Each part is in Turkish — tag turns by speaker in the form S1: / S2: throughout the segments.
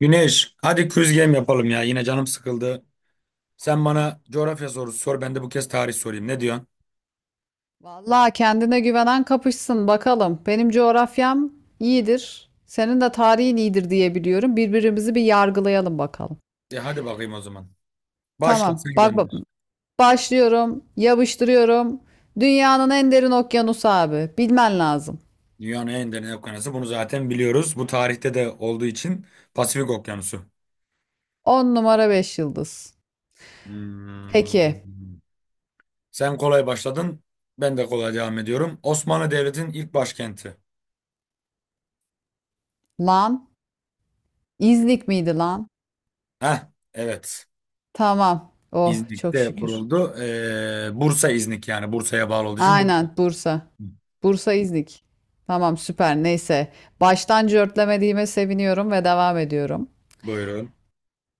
S1: Güneş, hadi quiz game yapalım ya. Yine canım sıkıldı. Sen bana coğrafya sorusu sor, ben de bu kez tarih sorayım. Ne diyorsun?
S2: Vallahi kendine güvenen kapışsın bakalım. Benim coğrafyam iyidir. Senin de tarihin iyidir diye biliyorum. Birbirimizi bir yargılayalım bakalım.
S1: Ya hadi bakayım o zaman. Başla,
S2: Tamam.
S1: sen
S2: Bak,
S1: gönder.
S2: başlıyorum. Yapıştırıyorum. Dünyanın en derin okyanusu abi. Bilmen lazım.
S1: Dünyanın en derin okyanusu. Bunu zaten biliyoruz. Bu tarihte de olduğu için Pasifik Okyanusu.
S2: 10 numara 5 yıldız.
S1: Hmm.
S2: Peki.
S1: Sen kolay başladın. Ben de kolay devam ediyorum. Osmanlı Devleti'nin ilk başkenti.
S2: Lan. İznik miydi lan?
S1: Heh, evet.
S2: Tamam. Oh çok
S1: İznik'te
S2: şükür.
S1: kuruldu. Bursa İznik yani. Bursa'ya bağlı olduğu için Bursa.
S2: Aynen Bursa. Bursa İznik. Tamam süper neyse. Baştan cörtlemediğime seviniyorum ve devam ediyorum.
S1: Buyurun.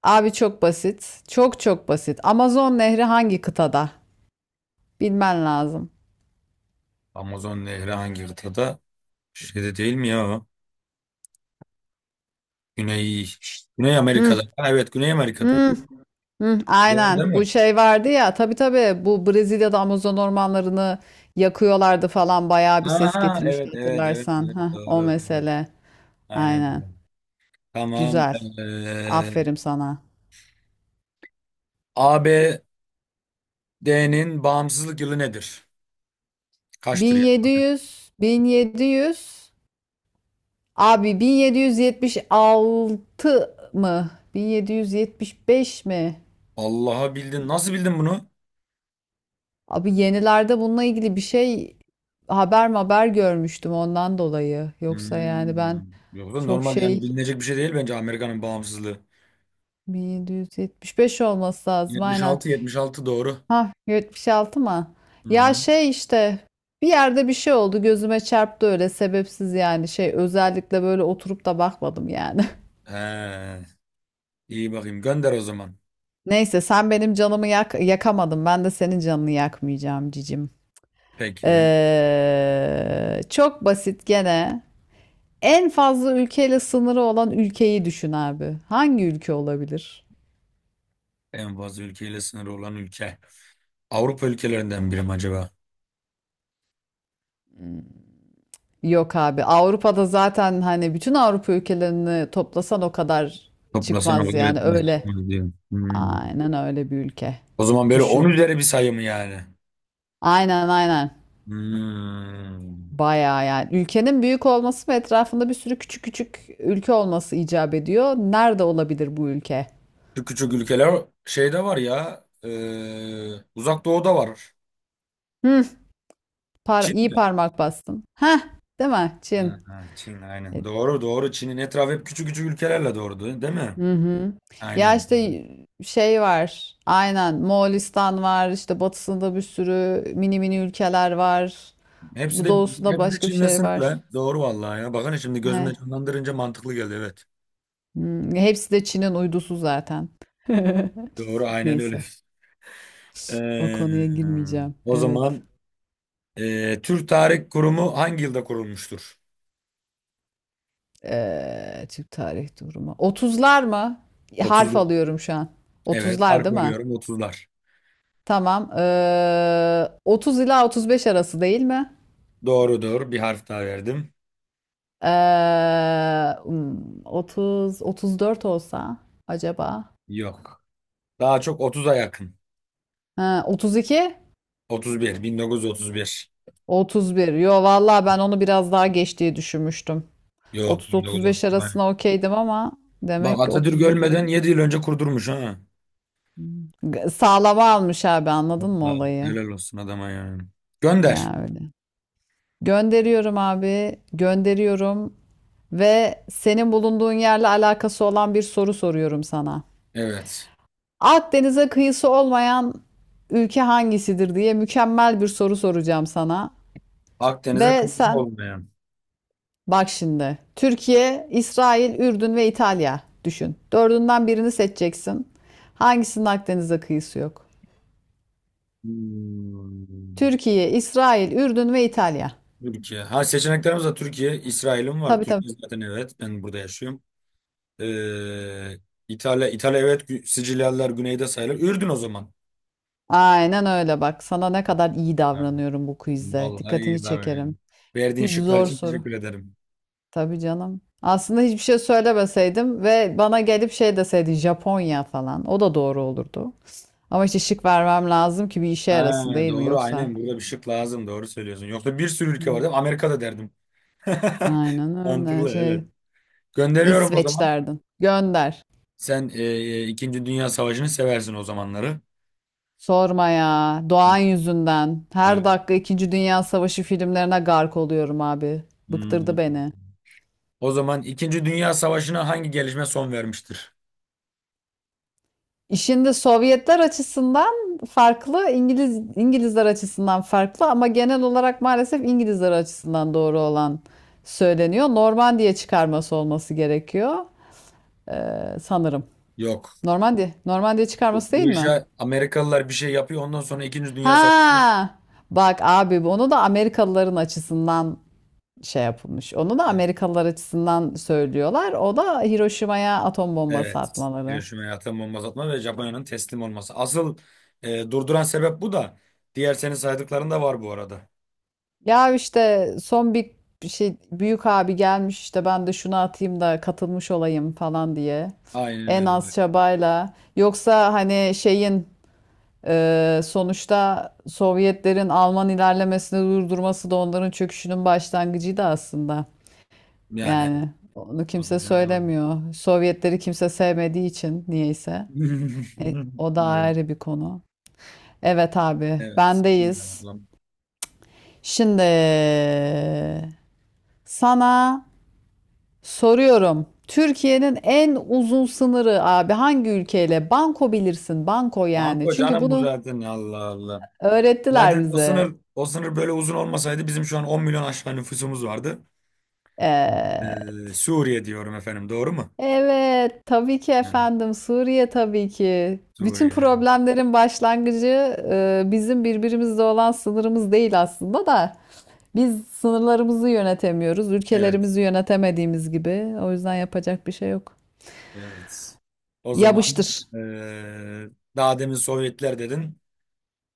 S2: Abi çok basit. Çok çok basit. Amazon Nehri hangi kıtada? Bilmen lazım.
S1: Amazon Nehri hangi kıtada? Şeyde değil mi ya o? Güney, Güney
S2: Hı,
S1: Amerika'da. Ha, evet, Güney Amerika'da.
S2: hı, hı.
S1: Doğru
S2: Aynen.
S1: değil
S2: Bu
S1: mi?
S2: şey vardı ya. Tabii tabii. Bu Brezilya'da Amazon ormanlarını yakıyorlardı falan. Bayağı bir ses
S1: Aha,
S2: getirmişti
S1: evet, evet, evet,
S2: hatırlarsan.
S1: evet,
S2: Heh, o
S1: doğru, evet.
S2: mesele.
S1: Aynen
S2: Aynen.
S1: öyle. Tamam.
S2: Güzel.
S1: Ee,
S2: Aferin sana.
S1: ABD'nin bağımsızlık yılı nedir? Kaçtır ya?
S2: 1700, 1700. Abi 1776 mı? 1775 mi?
S1: Allah'a bildin. Nasıl bildin bunu?
S2: Abi yenilerde bununla ilgili bir şey haber görmüştüm ondan dolayı. Yoksa yani ben
S1: Hmm. Yoksa
S2: çok
S1: normal
S2: şey
S1: yani bilinecek bir şey değil bence Amerika'nın bağımsızlığı.
S2: 1775 olması lazım aynen.
S1: 76, 76 doğru.
S2: Ha 76 mı?
S1: Hı
S2: Ya
S1: hı.
S2: şey işte bir yerde bir şey oldu gözüme çarptı öyle sebepsiz yani şey özellikle böyle oturup da bakmadım yani.
S1: He, iyi bakayım. Gönder o zaman.
S2: Neyse sen benim canımı yak yakamadın ben de senin canını yakmayacağım cicim.
S1: Peki.
S2: Çok basit gene. En fazla ülkeyle sınırı olan ülkeyi düşün abi. Hangi ülke olabilir?
S1: En fazla ülkeyle sınırı olan ülke. Avrupa ülkelerinden biri mi acaba?
S2: Yok abi. Avrupa'da zaten hani bütün Avrupa ülkelerini toplasan o kadar
S1: Toplasan o
S2: çıkmaz
S1: kadar
S2: yani
S1: etmez,
S2: öyle.
S1: çıkmaz diyor. Hmm.
S2: Aynen öyle bir ülke.
S1: O zaman böyle 10
S2: Düşün.
S1: üzeri bir sayı mı yani?
S2: Aynen aynen.
S1: Hmm.
S2: Bayağı yani. Ülkenin büyük olması ve etrafında bir sürü küçük küçük ülke olması icap ediyor. Nerede olabilir bu ülke?
S1: Şu küçük ülkeler şeyde var ya. Uzak Doğu'da var.
S2: Hı,
S1: Çin
S2: iyi
S1: mi?
S2: parmak bastın. Heh, değil mi?
S1: Ha,
S2: Çin.
S1: ha, Çin
S2: E,
S1: aynen. Doğru, doğru. Çin'in etrafı hep küçük küçük ülkelerle, doğru değil mi?
S2: Hı hı. Ya
S1: Aynen.
S2: işte şey var. Aynen. Moğolistan var. İşte batısında bir sürü mini mini ülkeler var.
S1: Hepsi
S2: Bu
S1: de
S2: doğusunda
S1: hepsi de
S2: başka bir
S1: Çin'le
S2: şey var.
S1: sınırlı. Doğru vallahi ya. Bakın, şimdi gözümde
S2: He.
S1: canlandırınca mantıklı geldi, evet.
S2: Hepsi de Çin'in uydusu zaten.
S1: Doğru, aynen öyle.
S2: Neyse. O
S1: Ee,
S2: konuya girmeyeceğim.
S1: o
S2: Evet.
S1: zaman Türk Tarih Kurumu hangi yılda kurulmuştur?
S2: Türk tarih durumu. Otuzlar mı? Harf
S1: Otuzlar.
S2: alıyorum şu an.
S1: Evet,
S2: Otuzlar
S1: harf
S2: değil mi?
S1: veriyorum 30'lar.
S2: Tamam. 30 ila 35 arası değil mi?
S1: Doğrudur. Bir harf daha verdim.
S2: Ee, hmm, 30 34 olsa acaba?
S1: Yok. Daha çok 30'a yakın.
S2: Ha, 32
S1: 31, 1931.
S2: 31. Yo vallahi ben onu biraz daha geç diye düşünmüştüm.
S1: Yok,
S2: 30-35
S1: 1931.
S2: arasına okeydim ama
S1: Bak,
S2: demek ki
S1: Atatürk
S2: 31'de
S1: ölmeden
S2: durmuş.
S1: 7 yıl önce kurdurmuş ha.
S2: Hmm. Sağlama almış abi anladın mı
S1: Vallahi
S2: olayı?
S1: helal olsun adama yani. Gönder.
S2: Ya öyle. Gönderiyorum abi. Gönderiyorum ve senin bulunduğun yerle alakası olan bir soru soruyorum sana.
S1: Evet.
S2: Akdeniz'e kıyısı olmayan ülke hangisidir diye mükemmel bir soru soracağım sana.
S1: Akdeniz'e
S2: Ve
S1: kırmızı
S2: sen
S1: olmayan.
S2: bak şimdi Türkiye, İsrail, Ürdün ve İtalya düşün. Dördünden birini seçeceksin. Hangisinin Akdeniz'e kıyısı yok?
S1: Hmm.
S2: Türkiye, İsrail, Ürdün ve İtalya.
S1: Türkiye. Ha, seçeneklerimiz de Türkiye. İsrail'im var.
S2: Tabii tabii.
S1: Türkiye zaten, evet. Ben burada yaşıyorum. Ee, İtalya, evet. Sicilyalılar güneyde sayılır. Ürdün o zaman.
S2: Aynen öyle bak. Sana ne kadar iyi
S1: Ha,
S2: davranıyorum bu quizde.
S1: vallahi iyi
S2: Dikkatini
S1: lan
S2: çekerim.
S1: benim. Verdiğin
S2: Hiç
S1: şıklar
S2: zor
S1: için
S2: soru.
S1: teşekkür ederim.
S2: Tabii canım. Aslında hiçbir şey söylemeseydim ve bana gelip şey deseydi Japonya falan. O da doğru olurdu. Ama işte şık vermem lazım ki bir işe
S1: Ha,
S2: yarasın değil mi
S1: doğru,
S2: yoksa?
S1: aynen burada bir şık lazım. Doğru söylüyorsun. Yoksa bir sürü ülke var
S2: Hmm,
S1: değil mi? Amerika'da derdim.
S2: Aynen öyle
S1: Mantıklı, evet.
S2: şey.
S1: Gönderiyorum o
S2: İsveç
S1: zaman.
S2: derdin. Gönder.
S1: Sen İkinci Dünya Savaşı'nı seversin o zamanları.
S2: Sorma ya. Doğan yüzünden. Her
S1: Evet.
S2: dakika İkinci Dünya Savaşı filmlerine gark oluyorum abi. Bıktırdı
S1: Hmm.
S2: beni.
S1: O zaman İkinci Dünya Savaşı'na hangi gelişme son vermiştir?
S2: Şimdi Sovyetler açısından farklı, İngilizler açısından farklı ama genel olarak maalesef İngilizler açısından doğru olan söyleniyor. Normandiya çıkarması olması gerekiyor sanırım.
S1: Yok.
S2: Normandiya
S1: Bu,
S2: çıkarması değil
S1: bu
S2: mi?
S1: işe Amerikalılar bir şey yapıyor. Ondan sonra İkinci Dünya Savaşı.
S2: Ha! Bak abi onu da Amerikalıların açısından şey yapılmış. Onu da
S1: Evet.
S2: Amerikalılar açısından söylüyorlar. O da Hiroşima'ya atom bombası
S1: Evet.
S2: atmaları.
S1: Hiroşima ve atom bombası atma ve Japonya'nın teslim olması. Asıl durduran sebep bu da. Diğer senin saydıkların da var bu arada.
S2: Ya işte son bir şey büyük abi gelmiş işte ben de şunu atayım da katılmış olayım falan diye.
S1: Aynen
S2: En
S1: öyle.
S2: az çabayla. Yoksa hani şeyin sonuçta Sovyetlerin Alman ilerlemesini durdurması da onların çöküşünün başlangıcıydı aslında.
S1: Yani evet.
S2: Yani onu
S1: O
S2: kimse
S1: dediğin doğru.
S2: söylemiyor. Sovyetleri kimse sevmediği için niyeyse. O da ayrı bir konu. Evet abi
S1: Evet. Evet.
S2: bendeyiz.
S1: Allah'ım.
S2: Şimdi sana soruyorum. Türkiye'nin en uzun sınırı abi hangi ülkeyle? Banko bilirsin. Banko yani.
S1: Banko
S2: Çünkü
S1: canım bu
S2: bunu
S1: zaten. Allah Allah.
S2: öğrettiler
S1: Zaten o
S2: bize.
S1: sınır o sınır böyle uzun olmasaydı bizim şu an 10 milyon aşağı nüfusumuz vardı.
S2: Evet.
S1: Suriye diyorum, efendim, doğru mu?
S2: Evet. Tabii ki
S1: Hı.
S2: efendim. Suriye tabii ki. Bütün
S1: Suriye.
S2: problemlerin başlangıcı bizim birbirimizle olan sınırımız değil aslında da. Biz sınırlarımızı yönetemiyoruz.
S1: Evet,
S2: Ülkelerimizi yönetemediğimiz gibi. O yüzden yapacak bir şey yok.
S1: evet. Evet. O zaman
S2: Yapıştır.
S1: ee, daha demin Sovyetler dedin.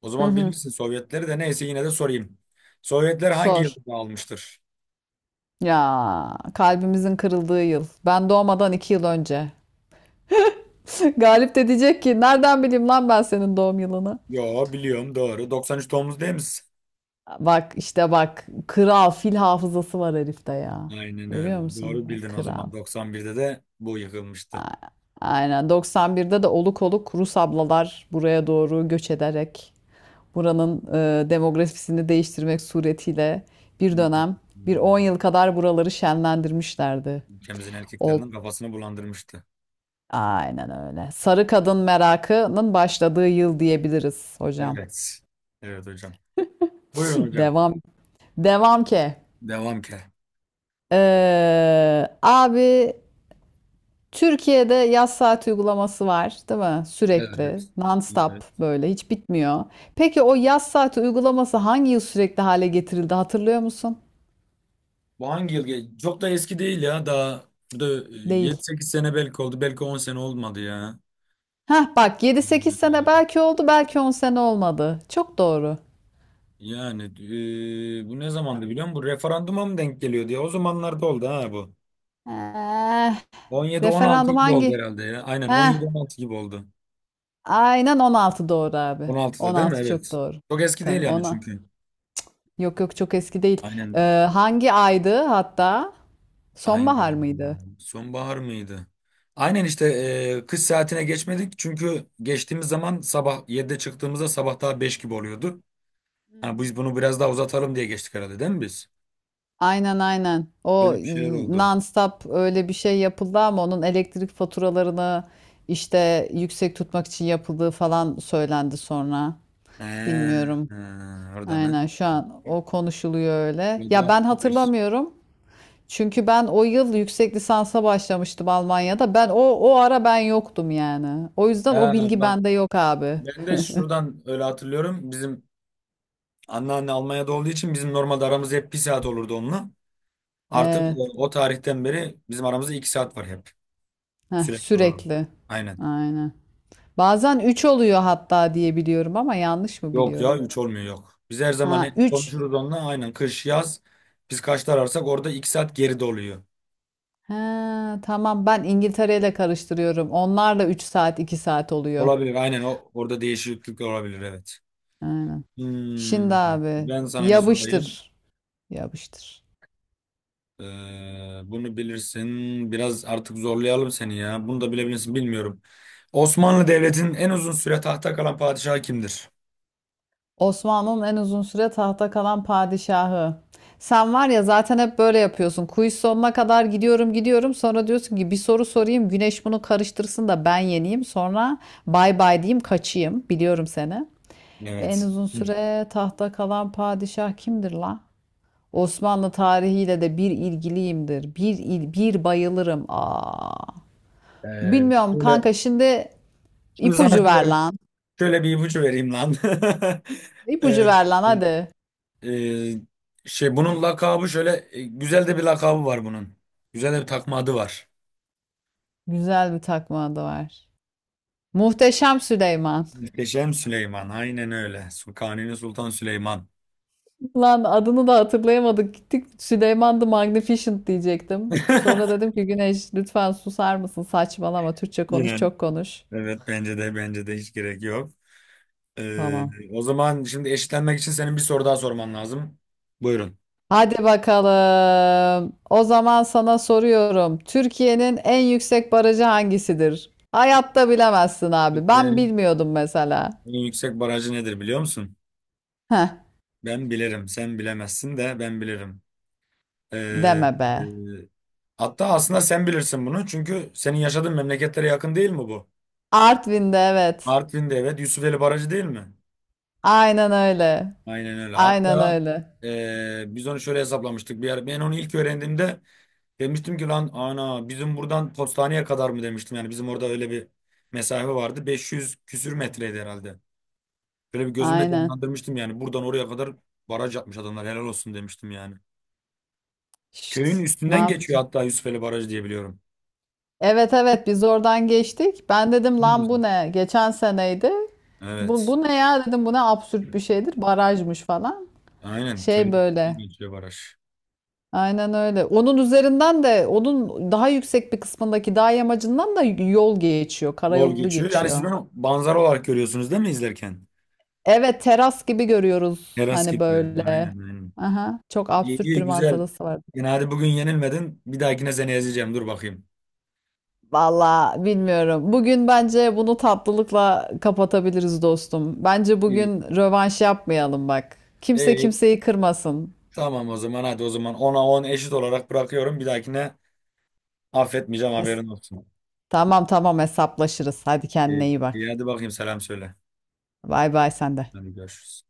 S1: O
S2: Hı
S1: zaman
S2: hı.
S1: bilirsin Sovyetleri de, neyse yine de sorayım. Sovyetler hangi
S2: Sor.
S1: yılda dağılmıştır?
S2: Ya kalbimizin kırıldığı yıl. Ben doğmadan 2 yıl önce. Galip de diyecek ki nereden bileyim lan ben senin doğum yılını.
S1: Yo, biliyorum, doğru. 93 Tomuz değil misin?
S2: Bak işte bak kral fil hafızası var herifte ya.
S1: Aynen
S2: Görüyor
S1: öyle.
S2: musun?
S1: Doğru
S2: Bak,
S1: bildin o
S2: kral.
S1: zaman. 91'de de bu yıkılmıştı.
S2: A- Aynen 91'de de oluk oluk Rus ablalar buraya doğru göç ederek buranın demografisini değiştirmek suretiyle
S1: Hı
S2: bir
S1: hı.
S2: dönem bir
S1: Hı.
S2: 10 yıl kadar buraları şenlendirmişlerdi.
S1: Ülkemizin
S2: Old
S1: erkeklerinin kafasını bulandırmıştı.
S2: Aynen öyle. Sarı kadın merakının başladığı yıl diyebiliriz hocam.
S1: Evet. Evet hocam. Buyurun hocam.
S2: Devam. Devam ki.
S1: Devam ke.
S2: Abi Türkiye'de yaz saat uygulaması var, değil mi? Sürekli,
S1: Evet.
S2: non-stop
S1: Evet.
S2: böyle hiç bitmiyor. Peki o yaz saati uygulaması hangi yıl sürekli hale getirildi hatırlıyor musun?
S1: Bu hangi yıl? Ge? Çok da eski değil ya. Daha burada
S2: Değil.
S1: 7-8 sene belki oldu. Belki 10 sene olmadı ya.
S2: Heh bak 7-8 sene belki oldu, belki 10 sene olmadı. Çok doğru.
S1: Yani bu ne zamandı biliyor musun? Bu referanduma mı denk geliyordu ya? O zamanlarda oldu ha bu.
S2: Eh,
S1: 17, 16
S2: referandum
S1: gibi oldu
S2: hangi?
S1: herhalde ya. Aynen 17,
S2: Heh.
S1: 16 gibi oldu.
S2: Aynen 16 doğru abi.
S1: 16'da değil mi?
S2: 16 çok
S1: Evet.
S2: doğru.
S1: Çok eski
S2: Tabii
S1: değil yani,
S2: ona.
S1: çünkü.
S2: Yok yok çok eski değil. Ee,
S1: Aynen.
S2: hangi aydı hatta?
S1: Hangi ay
S2: Sonbahar
S1: ya?
S2: mıydı?
S1: Sonbahar mıydı? Aynen işte kış saatine geçmedik. Çünkü geçtiğimiz zaman sabah 7'de çıktığımızda sabah daha 5 gibi oluyordu.
S2: Hı
S1: Ha, biz
S2: hı.
S1: bunu biraz daha uzatalım diye geçtik herhalde, değil mi biz?
S2: Aynen aynen. O
S1: Böyle bir şeyler
S2: y-
S1: oldu.
S2: non-stop öyle bir şey yapıldı ama onun elektrik faturalarını işte yüksek tutmak için yapıldığı falan söylendi sonra.
S1: He,
S2: Bilmiyorum.
S1: he, oradan
S2: Aynen
S1: ha.
S2: şu an o konuşuluyor öyle.
S1: Bu
S2: Ya
S1: da
S2: ben
S1: bir.
S2: hatırlamıyorum. Çünkü ben o yıl yüksek lisansa başlamıştım Almanya'da. Ben o ara ben yoktum yani. O yüzden o
S1: Ha,
S2: bilgi
S1: bak,
S2: bende yok abi.
S1: ben de şuradan öyle hatırlıyorum. Bizim anneanne Almanya'da olduğu için bizim normalde aramız hep bir saat olurdu onunla. Artık
S2: Evet.
S1: o tarihten beri bizim aramızda 2 saat var hep.
S2: Heh,
S1: Sürekli olarak.
S2: sürekli.
S1: Aynen.
S2: Aynen. Bazen 3 oluyor hatta diye biliyorum ama yanlış mı
S1: Yok ya,
S2: biliyorum?
S1: üç olmuyor, yok. Biz her zaman
S2: Ha
S1: hep
S2: üç.
S1: konuşuruz onunla. Aynen, kış yaz. Biz kaçta ararsak orada 2 saat geride oluyor.
S2: Ha tamam ben İngiltere ile karıştırıyorum. Onlarla 3 saat 2 saat oluyor.
S1: Olabilir, aynen, o orada değişiklik olabilir, evet.
S2: Aynen. Şimdi
S1: Hmm,
S2: abi
S1: ben sana ne sorayım?
S2: yapıştır. Yapıştır.
S1: Ee, bunu bilirsin. Biraz artık zorlayalım seni ya. Bunu da bilebilirsin, bilmiyorum. Osmanlı Devleti'nin en uzun süre tahtta kalan padişahı kimdir?
S2: Osmanlı'nın en uzun süre tahta kalan padişahı. Sen var ya zaten hep böyle yapıyorsun. Quiz sonuna kadar gidiyorum gidiyorum. Sonra diyorsun ki bir soru sorayım. Güneş bunu karıştırsın da ben yeneyim. Sonra bay bay diyeyim kaçayım. Biliyorum seni. En
S1: Evet.
S2: uzun
S1: Hı.
S2: süre tahta kalan padişah kimdir la? Osmanlı tarihiyle de bir ilgiliyimdir. Bir bayılırım. Aa.
S1: Ee,
S2: Bilmiyorum
S1: şöyle,
S2: kanka şimdi
S1: şimdi sana
S2: ipucu ver
S1: şöyle,
S2: lan.
S1: şöyle bir ipucu vereyim lan. Ee,
S2: İpucu ver lan hadi.
S1: e, şey bunun lakabı şöyle, güzel de bir lakabı var bunun. Güzel de bir takma adı var.
S2: Güzel bir takma adı var. Muhteşem Süleyman.
S1: Muhteşem Süleyman. Aynen öyle. Kanuni Sultan Süleyman.
S2: Lan adını da hatırlayamadık. Gittik Süleyman the Magnificent diyecektim. Sonra dedim ki Güneş lütfen susar mısın? Saçmalama Türkçe konuş,
S1: Yani.
S2: çok konuş.
S1: Evet, bence de hiç gerek yok. Ee,
S2: Tamam.
S1: o zaman şimdi eşitlenmek için senin bir soru daha sorman lazım. Buyurun.
S2: Hadi bakalım. O zaman sana soruyorum. Türkiye'nin en yüksek barajı hangisidir? Hayatta bilemezsin abi. Ben
S1: Türkiye'nin
S2: bilmiyordum mesela.
S1: en yüksek barajı nedir biliyor musun?
S2: Heh,
S1: Ben bilirim. Sen bilemezsin de ben bilirim. Ee,
S2: deme be.
S1: e, hatta aslında sen bilirsin bunu. Çünkü senin yaşadığın memleketlere yakın değil mi bu?
S2: Artvin'de evet.
S1: Artvin'de, evet, Yusufeli Barajı değil mi?
S2: Aynen öyle.
S1: Aynen öyle.
S2: Aynen
S1: Hatta
S2: öyle.
S1: biz onu şöyle hesaplamıştık. Bir ara, ben onu ilk öğrendiğimde demiştim ki, lan ana, bizim buradan postaneye kadar mı demiştim. Yani bizim orada öyle bir mesafe vardı. 500 küsür metreydi herhalde. Böyle bir gözümde
S2: Aynen.
S1: canlandırmıştım yani. Buradan oraya kadar baraj yapmış adamlar, helal olsun demiştim yani. Köyün
S2: Şşt, ne
S1: üstünden geçiyor
S2: yapacağım?
S1: hatta, Yusufeli Barajı diye biliyorum.
S2: Evet evet biz oradan geçtik. Ben dedim
S1: Bilir
S2: lan bu
S1: misin?
S2: ne? Geçen seneydi. Bu,
S1: Evet.
S2: bu ne ya dedim bu ne absürt bir şeydir. Barajmış falan.
S1: Aynen, köyün
S2: Şey
S1: üstünden
S2: böyle.
S1: geçiyor baraj.
S2: Aynen öyle. Onun üzerinden de onun daha yüksek bir kısmındaki dağ yamacından da yol geçiyor.
S1: Yol
S2: Karayolu
S1: geçiyor. Yani siz
S2: geçiyor.
S1: bunu manzara olarak görüyorsunuz değil mi izlerken?
S2: Evet teras gibi görüyoruz.
S1: Teras
S2: Hani
S1: gibi görünüyor. Aynen,
S2: böyle.
S1: aynen.
S2: Aha, çok
S1: İyi,
S2: absürt bir
S1: iyi, güzel.
S2: manzarası var.
S1: Yani hadi bugün yenilmedin. Bir dahakine seni ezeceğim. Dur bakayım.
S2: Valla bilmiyorum. Bugün bence bunu tatlılıkla kapatabiliriz dostum. Bence
S1: İyi.
S2: bugün rövanş yapmayalım bak. Kimse
S1: İyi.
S2: kimseyi kırmasın.
S1: Tamam, o zaman hadi, o zaman ona 10 eşit olarak bırakıyorum. Bir dahakine affetmeyeceğim, haberin olsun.
S2: Tamam tamam hesaplaşırız. Hadi kendine
S1: İyi,
S2: iyi bak.
S1: iyi, hadi bakayım, selam söyle.
S2: Bay bay sen de.
S1: Hadi görüşürüz.